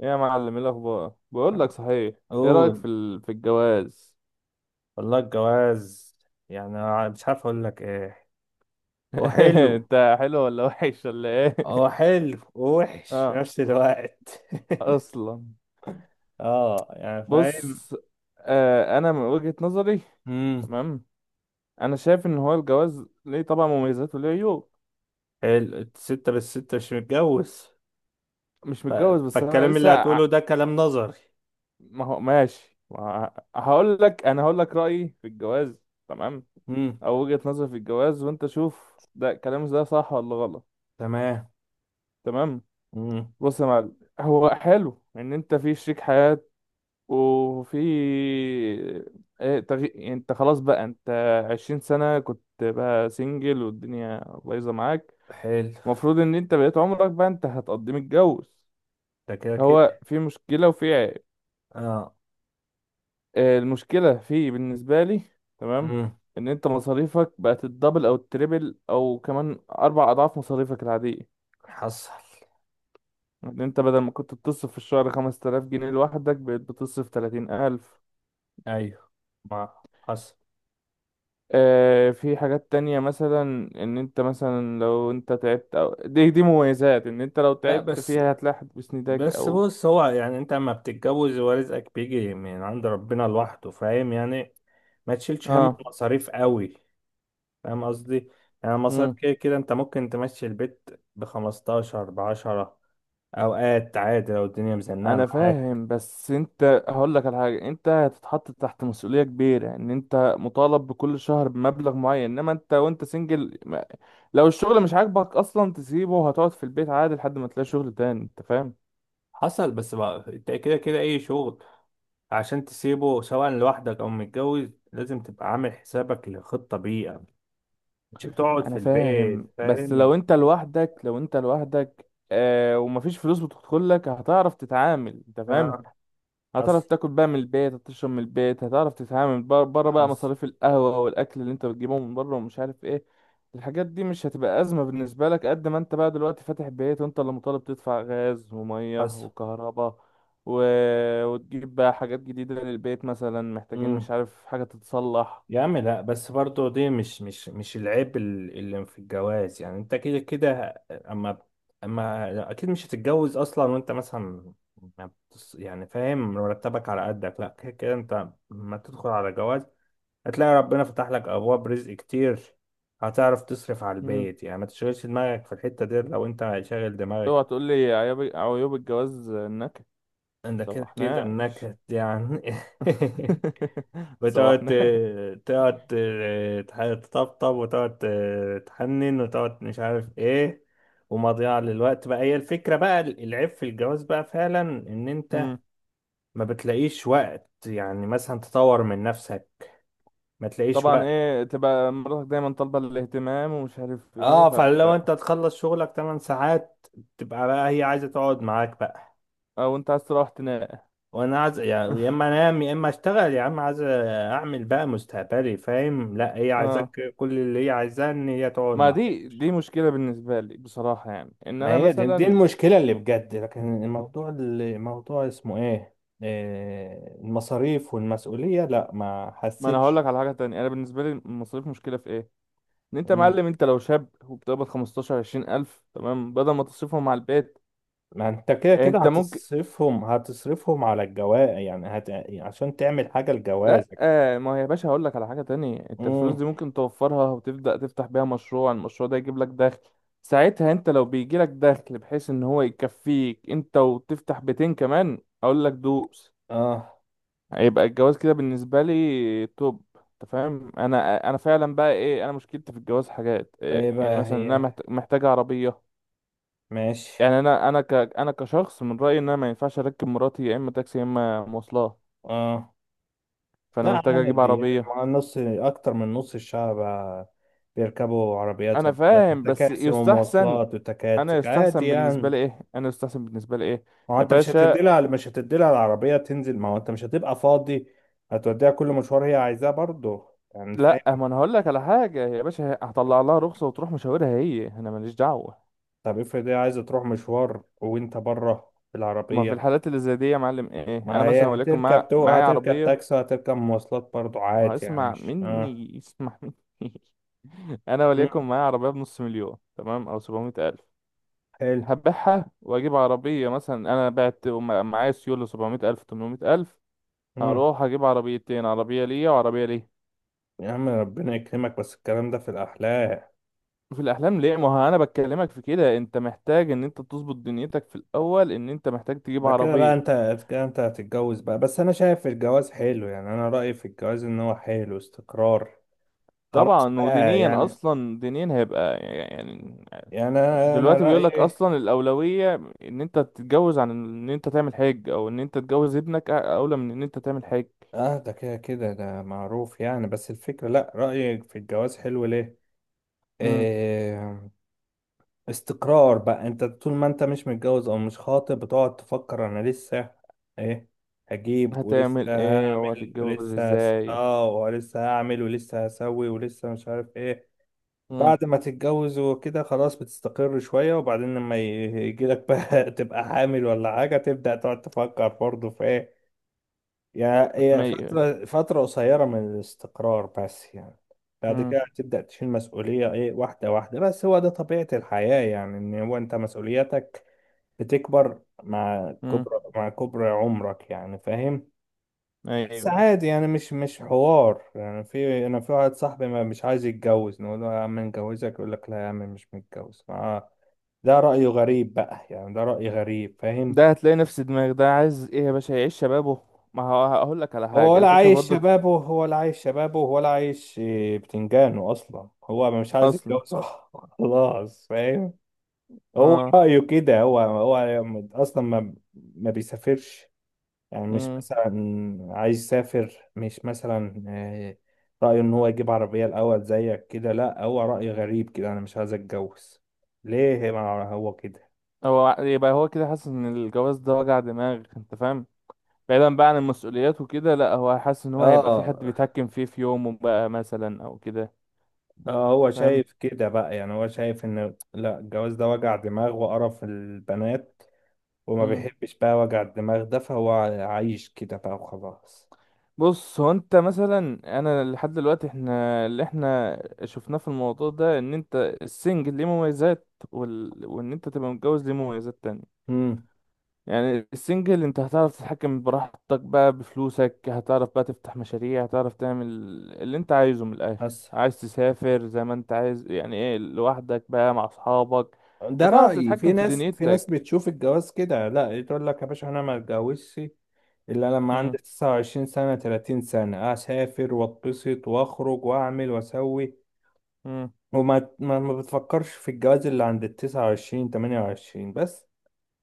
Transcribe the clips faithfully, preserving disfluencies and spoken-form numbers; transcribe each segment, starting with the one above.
إيه يا معلم، ايه الاخبار؟ بقول لك، صحيح، ايه رايك قول في ال... في الجواز؟ والله الجواز، يعني أنا مش عارف اقول لك ايه. هو حلو. انت حلو ولا وحش ولا ايه؟ هو حلو ووحش في اه. نفس الوقت. اصلا، اه، يعني فاهم. بص، آه، انا من وجهة نظري، امم تمام. انا شايف ان هو الجواز ليه طبعا مميزات وليه عيوب. حلو الستة، بس الستة مش متجوز. مش ف... متجوز بس انا فالكلام اللي لسه هتقوله ع- ده كلام نظري. ما هو ماشي ما ه- هقول لك، انا هقول لك رايي في الجواز، تمام، امم او وجهة نظري في الجواز، وانت شوف ده كلامي ده صح ولا غلط. تمام. تمام. امم بص يا معلم، هو حلو ان انت في شريك حياة، وفي ايه تغي... يعني انت خلاص، بقى انت عشرين سنة كنت بقى سنجل والدنيا بايظة معاك. حلو. المفروض ان انت بقيت عمرك بقى انت هتقضي متجوز. ده كده هو كده. في مشكلة وفي عيب. اه. آه، المشكلة في بالنسبة لي، تمام، امم ان انت مصاريفك بقت الدبل او التريبل او كمان اربع اضعاف مصاريفك العادية. حصل. ان انت بدل ما كنت بتصرف في الشهر خمس تلاف جنيه لوحدك بقيت بتصرف تلاتين الف. ايوه، ما حصل. آه، في حاجات تانية، مثلا ان انت مثلا لو انت تعبت، او دي دي مميزات ان انت لو لا تعبت بس، فيها هتلاحظ بسندك بس او بص، هو يعني انت اما بتتجوز ورزقك بيجي من عند ربنا لوحده، فاهم يعني؟ ما تشيلش هم اه. المصاريف قوي، فاهم قصدي؟ يعني المصاريف مم. كده كده انت ممكن تمشي البيت بخمستاشر، بعشرة، اوقات عادي لو الدنيا مزنقة انا معاك. فاهم، بس انت، هقول لك على حاجه، انت هتتحط تحت مسؤوليه كبيره، ان انت مطالب بكل شهر بمبلغ معين. انما انت وانت سنجل ما- لو الشغل مش عاجبك اصلا تسيبه وهتقعد في البيت عادي لحد ما تلاقي شغل تاني، انت فاهم. حصل، بس بقى انت كده كده اي شغل عشان تسيبه سواء لوحدك او متجوز لازم تبقى عامل حسابك لخطة بيئة، مش بتقعد في انا فاهم، البيت، بس فاهم؟ لو انت لوحدك، لو انت لوحدك آه، ومفيش فلوس بتدخل لك، هتعرف تتعامل، انت فاهم. آه، هتعرف حصل. تاكل بقى من البيت، هتشرب من البيت، هتعرف تتعامل بر- بره بقى حصل. مصاريف القهوة والاكل اللي انت بتجيبهم من بره ومش عارف ايه. الحاجات دي مش هتبقى أزمة بالنسبة لك قد ما انت بقى دلوقتي فاتح بيت وانت اللي مطالب تدفع غاز ومية حصل. وكهرباء و... وتجيب بقى حاجات جديدة للبيت، مثلا محتاجين مش عارف حاجة تتصلح. يا عم لا، بس برضه دي مش مش مش العيب ال- اللي في الجواز، يعني انت كده كده اما، اما اكيد مش هتتجوز اصلا وانت مثلا ما بتص- يعني فاهم، مرتبك على قدك، لا كده كده انت لما تدخل على جواز هتلاقي ربنا فتح لك ابواب رزق كتير. هتعرف تصرف على مم. البيت، يعني ما تشغلش دماغك في الحتة دي. لو انت شاغل دماغك اوعى تقول لي عيوب، عيوب الجواز النكد. انت كده كده سوحناش. انك يعني بتقعد سوحناش. ت- تقعد ت- تح- تطبطب، وتقعد ت- تحنن، وتقعد مش عارف ايه، ومضيعة للوقت بقى. هي الفكرة بقى، العيب في الجواز بقى فعلا ان انت امم. ما بتلاقيش وقت يعني مثلا تطور من نفسك. ما تلاقيش طبعا وقت. ايه، تبقى مراتك دايما طالبة الاهتمام ومش عارف ايه، اه، فلو فانت انت تخلص شغلك ثمان ساعات تبقى بقى هي عايزة تقعد معاك بقى، او انت عايز تروح تنام. وانا عايز يعني يا اما انام يا اما اشتغل. يا عم عايز اعمل بقى مستقبلي، فاهم؟ لا، هي اه. عايزاك، كل اللي هي عايزاه ان هي تقعد ما معاك. دي دي مشكلة بالنسبة لي بصراحة، يعني ان ما انا هي دي, دي مثلا، المشكلة اللي بجد، لكن الموضوع اللي موضوع اسمه ايه، آه، المصاريف والمسؤولية، لا ما ما انا هقول حسيتش. لك على حاجة تانية. انا بالنسبة لي المصاريف مشكلة في ايه؟ ان انت مم. معلم، انت لو شاب وبتقبض خمستاشر 20 الف تمام، بدل ما تصرفهم على البيت ما انت كده كده انت ممكن، هتصرفهم، هتصرفهم على الجواز، يعني هت... عشان تعمل حاجة لا لجوازك. آه، ما هي يا باشا، هقول لك على حاجة تانية، انت الفلوس مم. دي ممكن توفرها وتبدأ تفتح بيها مشروع. المشروع ده يجيب لك دخل. ساعتها انت لو بيجي لك دخل بحيث ان هو يكفيك انت وتفتح بيتين كمان، اقول لك دوس. اه، هيبقى الجواز كده بالنسبة لي توب، انت فاهم. انا انا فعلا بقى ايه، انا مشكلتي في الجواز حاجات ايه إيه، يعني بقى مثلا انا هي؟ محت- محتاج عربية. ماشي. يعني انا انا ك انا كشخص من رأيي ان انا ما ينفعش اركب مراتي يا اما تاكسي يا اما مواصلات. اه فانا لا محتاج اجيب عادي يعني، عربية. مع نص، اكتر من نص الشعب بيركبوا عربيات، انا فاهم بس تكاسي يستحسن، ومواصلات انا وتكاتك، عادي يستحسن بالنسبه يعني. لي ايه، انا يستحسن بالنسبه لي ايه ما هو يا انت مش هتدي باشا. لها مش هتدي لها العربية تنزل. ما هو انت مش هتبقى فاضي، هتوديها كل مشوار هي عايزاه برضه، يعني فاهم. لا، ما انا هقول لك على حاجه يا باشا، هطلع لها رخصه وتروح مشاورها هي، انا ماليش دعوه. طب افرض هي عايزة تروح مشوار وانت بره في ما في العربية؟ الحالات اللي زي دي يا معلم ايه، ما انا مثلا هي وليكن مع... هتركب تو معايا هتركب عربيه. تاكسي، هتركب مواصلات برضه، ما عادي يعني، هيسمع مش اه. مني، يسمع مني. انا وليكن مم. معايا عربيه بنص مليون تمام او سبعمئة الف، حلو. هبيعها واجيب عربيه. مثلا انا بعت وم- معايا سيوله سبعمئة الف ثمانمئة الف، مم. هروح اجيب عربيتين، عربيه ليا وعربيه ليه. يا عم ربنا يكرمك، بس الكلام ده في الأحلام. في الاحلام ليه؟ ما هو انا بكلمك في كده، انت محتاج ان انت تظبط دنيتك في الاول، ان انت محتاج تجيب ده كده بقى انت، عربيه. كده انت هتتجوز بقى. بس انا شايف الجواز حلو، يعني انا رأيي في الجواز ان هو حلو، استقرار. خلاص طبعا، بقى ودينيا يعني، اصلا، دينيا هيبقى يعني يعني انا أنا دلوقتي بيقول لك رايي. اصلا الاولويه ان انت تتجوز عن ان انت تعمل حاج، او ان انت تجوز ابنك أ- اولى من ان انت تعمل حاج. اه ده كده كده، ده معروف يعني. بس الفكره، لا، رايي في الجواز حلو ليه؟ امم. إيه، استقرار بقى. انت طول ما انت مش متجوز او مش خاطب بتقعد تفكر، انا لسه ايه، هجيب، ولسه هتعمل ايه هعمل، وهتتجوز ولسه هس- ازاي؟ اه ولسه هعمل ولسه هسوي ولسه مش عارف ايه. امم. بعد ما تتجوز وكده خلاص بتستقر شوية، وبعدين لما ي- يجيلك بقى تبقى حامل ولا حاجة، تبدأ تقعد تفكر برضه في ايه. يعني هي ايوه. فترة فترة قصيرة من الاستقرار بس يعني، بعد امم. كده هتبدأ تشيل مسؤولية، ايه، واحدة واحدة. بس هو ده طبيعة الحياة، يعني ان هو انت مسؤولياتك بتكبر مع امم. كبر مع كبر عمرك، يعني فاهم. بس ايوه. عادي يعني، مش مش حوار يعني. في انا، في واحد صاحبي ما مش عايز يتجوز، نقول له يا عم نجوزك، يقول لك لا يا عم مش متجوز، آه. ده رأيه غريب بقى، يعني ده رأي غريب، فاهم؟ ده هتلاقي نفس دماغ ده عايز ايه يا باشا، يعيش شبابه. ما هو هقول لك على هو حاجه، ولا الفكره عايش برضك، شبابه، ولا عايش شبابه، ولا عايش، آه، بتنجانه اصلا، هو مش عايز اصلا يتجوز. خلاص، فاهم. هو اه. رأيه كده، هو هو، اصلا ما ما بيسافرش، يعني مش امم. مثلا عايز يسافر، مش مثلا آه، رأيه ان هو يجيب عربية الاول زيك كده. لا هو رأي غريب كده، انا مش عايز اتجوز ليه؟ ما هو كده. هو ع- يبقى هو كده حاسس ان الجواز ده وجع دماغ، انت فاهم. بعيدا بقى عن المسؤوليات وكده، لا هو حاسس ان هو هيبقى في حد اه، بيتحكم فيه في يومه بقى، مثلا او كده. اه، هو فاهم. شايف كده بقى. يعني هو شايف ان لا الجواز ده وجع دماغ وقرف البنات، وما امم. بيحبش بقى وجع الدماغ ده، فهو عايش كده بقى، وخلاص. بص هو انت مثلا، انا لحد دلوقتي، احنا اللي احنا شفناه في الموضوع ده ان انت السنجل ليه مميزات وال... وان انت تبقى متجوز ليه مميزات تانية. امم يعني السنجل انت هتعرف تتحكم براحتك بقى بفلوسك، هتعرف بقى تفتح مشاريع، هتعرف تعمل اللي انت عايزه من الاخر. بس عايز تسافر زي ما انت عايز يعني ايه، لوحدك بقى مع اصحابك، ده هتعرف رأيي. في تتحكم في ناس، في ناس دنيتك. بتشوف الجواز كده، لا، تقول لك يا باشا انا ما اتجوزش الا لما مم. عندي تسعة وعشرين سنة، ثلاثين سنة، اسافر واتبسط واخرج واعمل واسوي، مم. وما ما ما بتفكرش في الجواز اللي عند ال تسعة وعشرين، ثمانية وعشرين بس.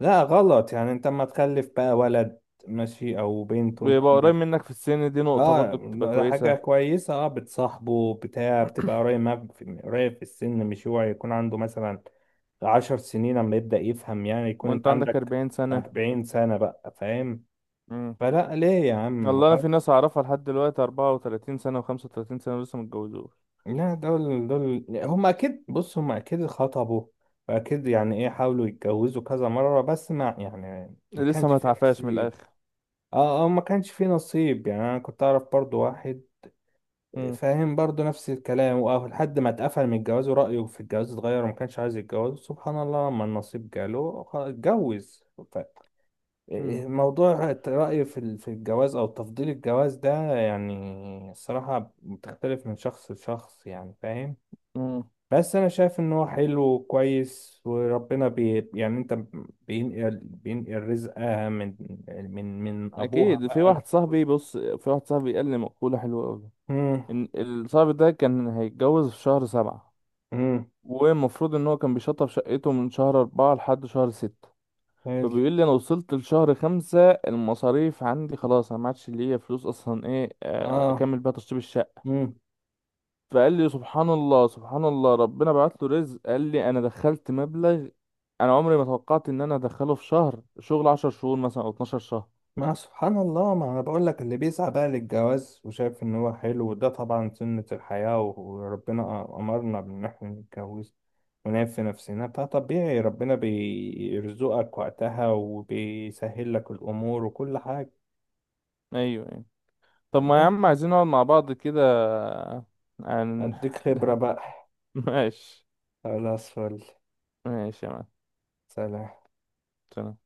لا غلط، يعني انت اما تخلف بقى ولد ماشي او بنت وانت ويبقى قريب عندك، منك في السن، دي نقطة اه، برضو بتبقى ده حاجة كويسة، كويسة. اه، بتصاحبه، بتاع، بتبقى قريب معاك في- قريب في السن، مش هو يكون عنده مثلا عشر سنين لما يبدأ يفهم يعني، يكون وانت انت عندك عندك اربعين سنة. أربعين سنة بقى، فاهم. مم. فلا ليه يا عم، والله انا غلط. في ناس اعرفها لحد دلوقتي اربعة وثلاثين سنة و35 سنة ولسه متجوزوش. لا دول، دول هم أكيد، بص هم أكيد خطبوا، وأكيد يعني إيه، حاولوا يتجوزوا كذا مرة، بس ما يعني، ما لسه كانش ما في اتعفاش من نصيب. الاخر. اه، اه، ما كانش في نصيب. يعني أنا كنت أعرف برضو واحد، مم. فاهم، برضو نفس الكلام، واه، لحد ما اتقفل من الجواز، ورأيه في الجواز اتغير، وما كانش عايز يتجوز. سبحان الله، لما النصيب جاله خ- اتجوز. ف- إيه، مم. إيه، موضوع رأيه في ال- في الجواز، أو تفضيل الجواز ده يعني، الصراحة بتختلف من شخص لشخص، يعني فاهم. مم. بس أنا شايف إن هو حلو وكويس، وربنا بي يعني أنت، بينقل بينقل رزقها من، من من أبوها اكيد. في بقى واحد بتاخد. صاحبي بص، في واحد صاحبي قال لي مقولة حلوة قوي، مم. ان الصاحب ده كان هيتجوز في شهر سبعة، مم. والمفروض ان هو كان بيشطب شقته من شهر اربعة لحد شهر ستة. حلو. فبيقول لي انا وصلت لشهر خمسة المصاريف عندي خلاص، انا ما عادش ليا فلوس اصلا ايه، آه، آه. اكمل بيها تشطيب الشقة. مم. فقال لي سبحان الله، سبحان الله، ربنا بعت له رزق. قال لي انا دخلت مبلغ انا عمري ما توقعت ان انا ادخله في شهر شغل عشر شهور مثلا او اتناشر شهر. ما سبحان الله، ما انا بقول لك، اللي بيسعى بقى للجواز وشايف ان هو حلو، وده طبعا سنة الحياة، وربنا امرنا بان احنا نتجوز ونعيب في نفسنا، فطبيعي ربنا بيرزقك وقتها وبيسهل لك الامور وكل حاجة. ايوه، أيوه. طب ما يا الله، عم عايزين نقعد مع بعض كده عن. اديك خبرة بقى. ماشي. خلاص، فل. ماشي يا مان. سلام. سلام.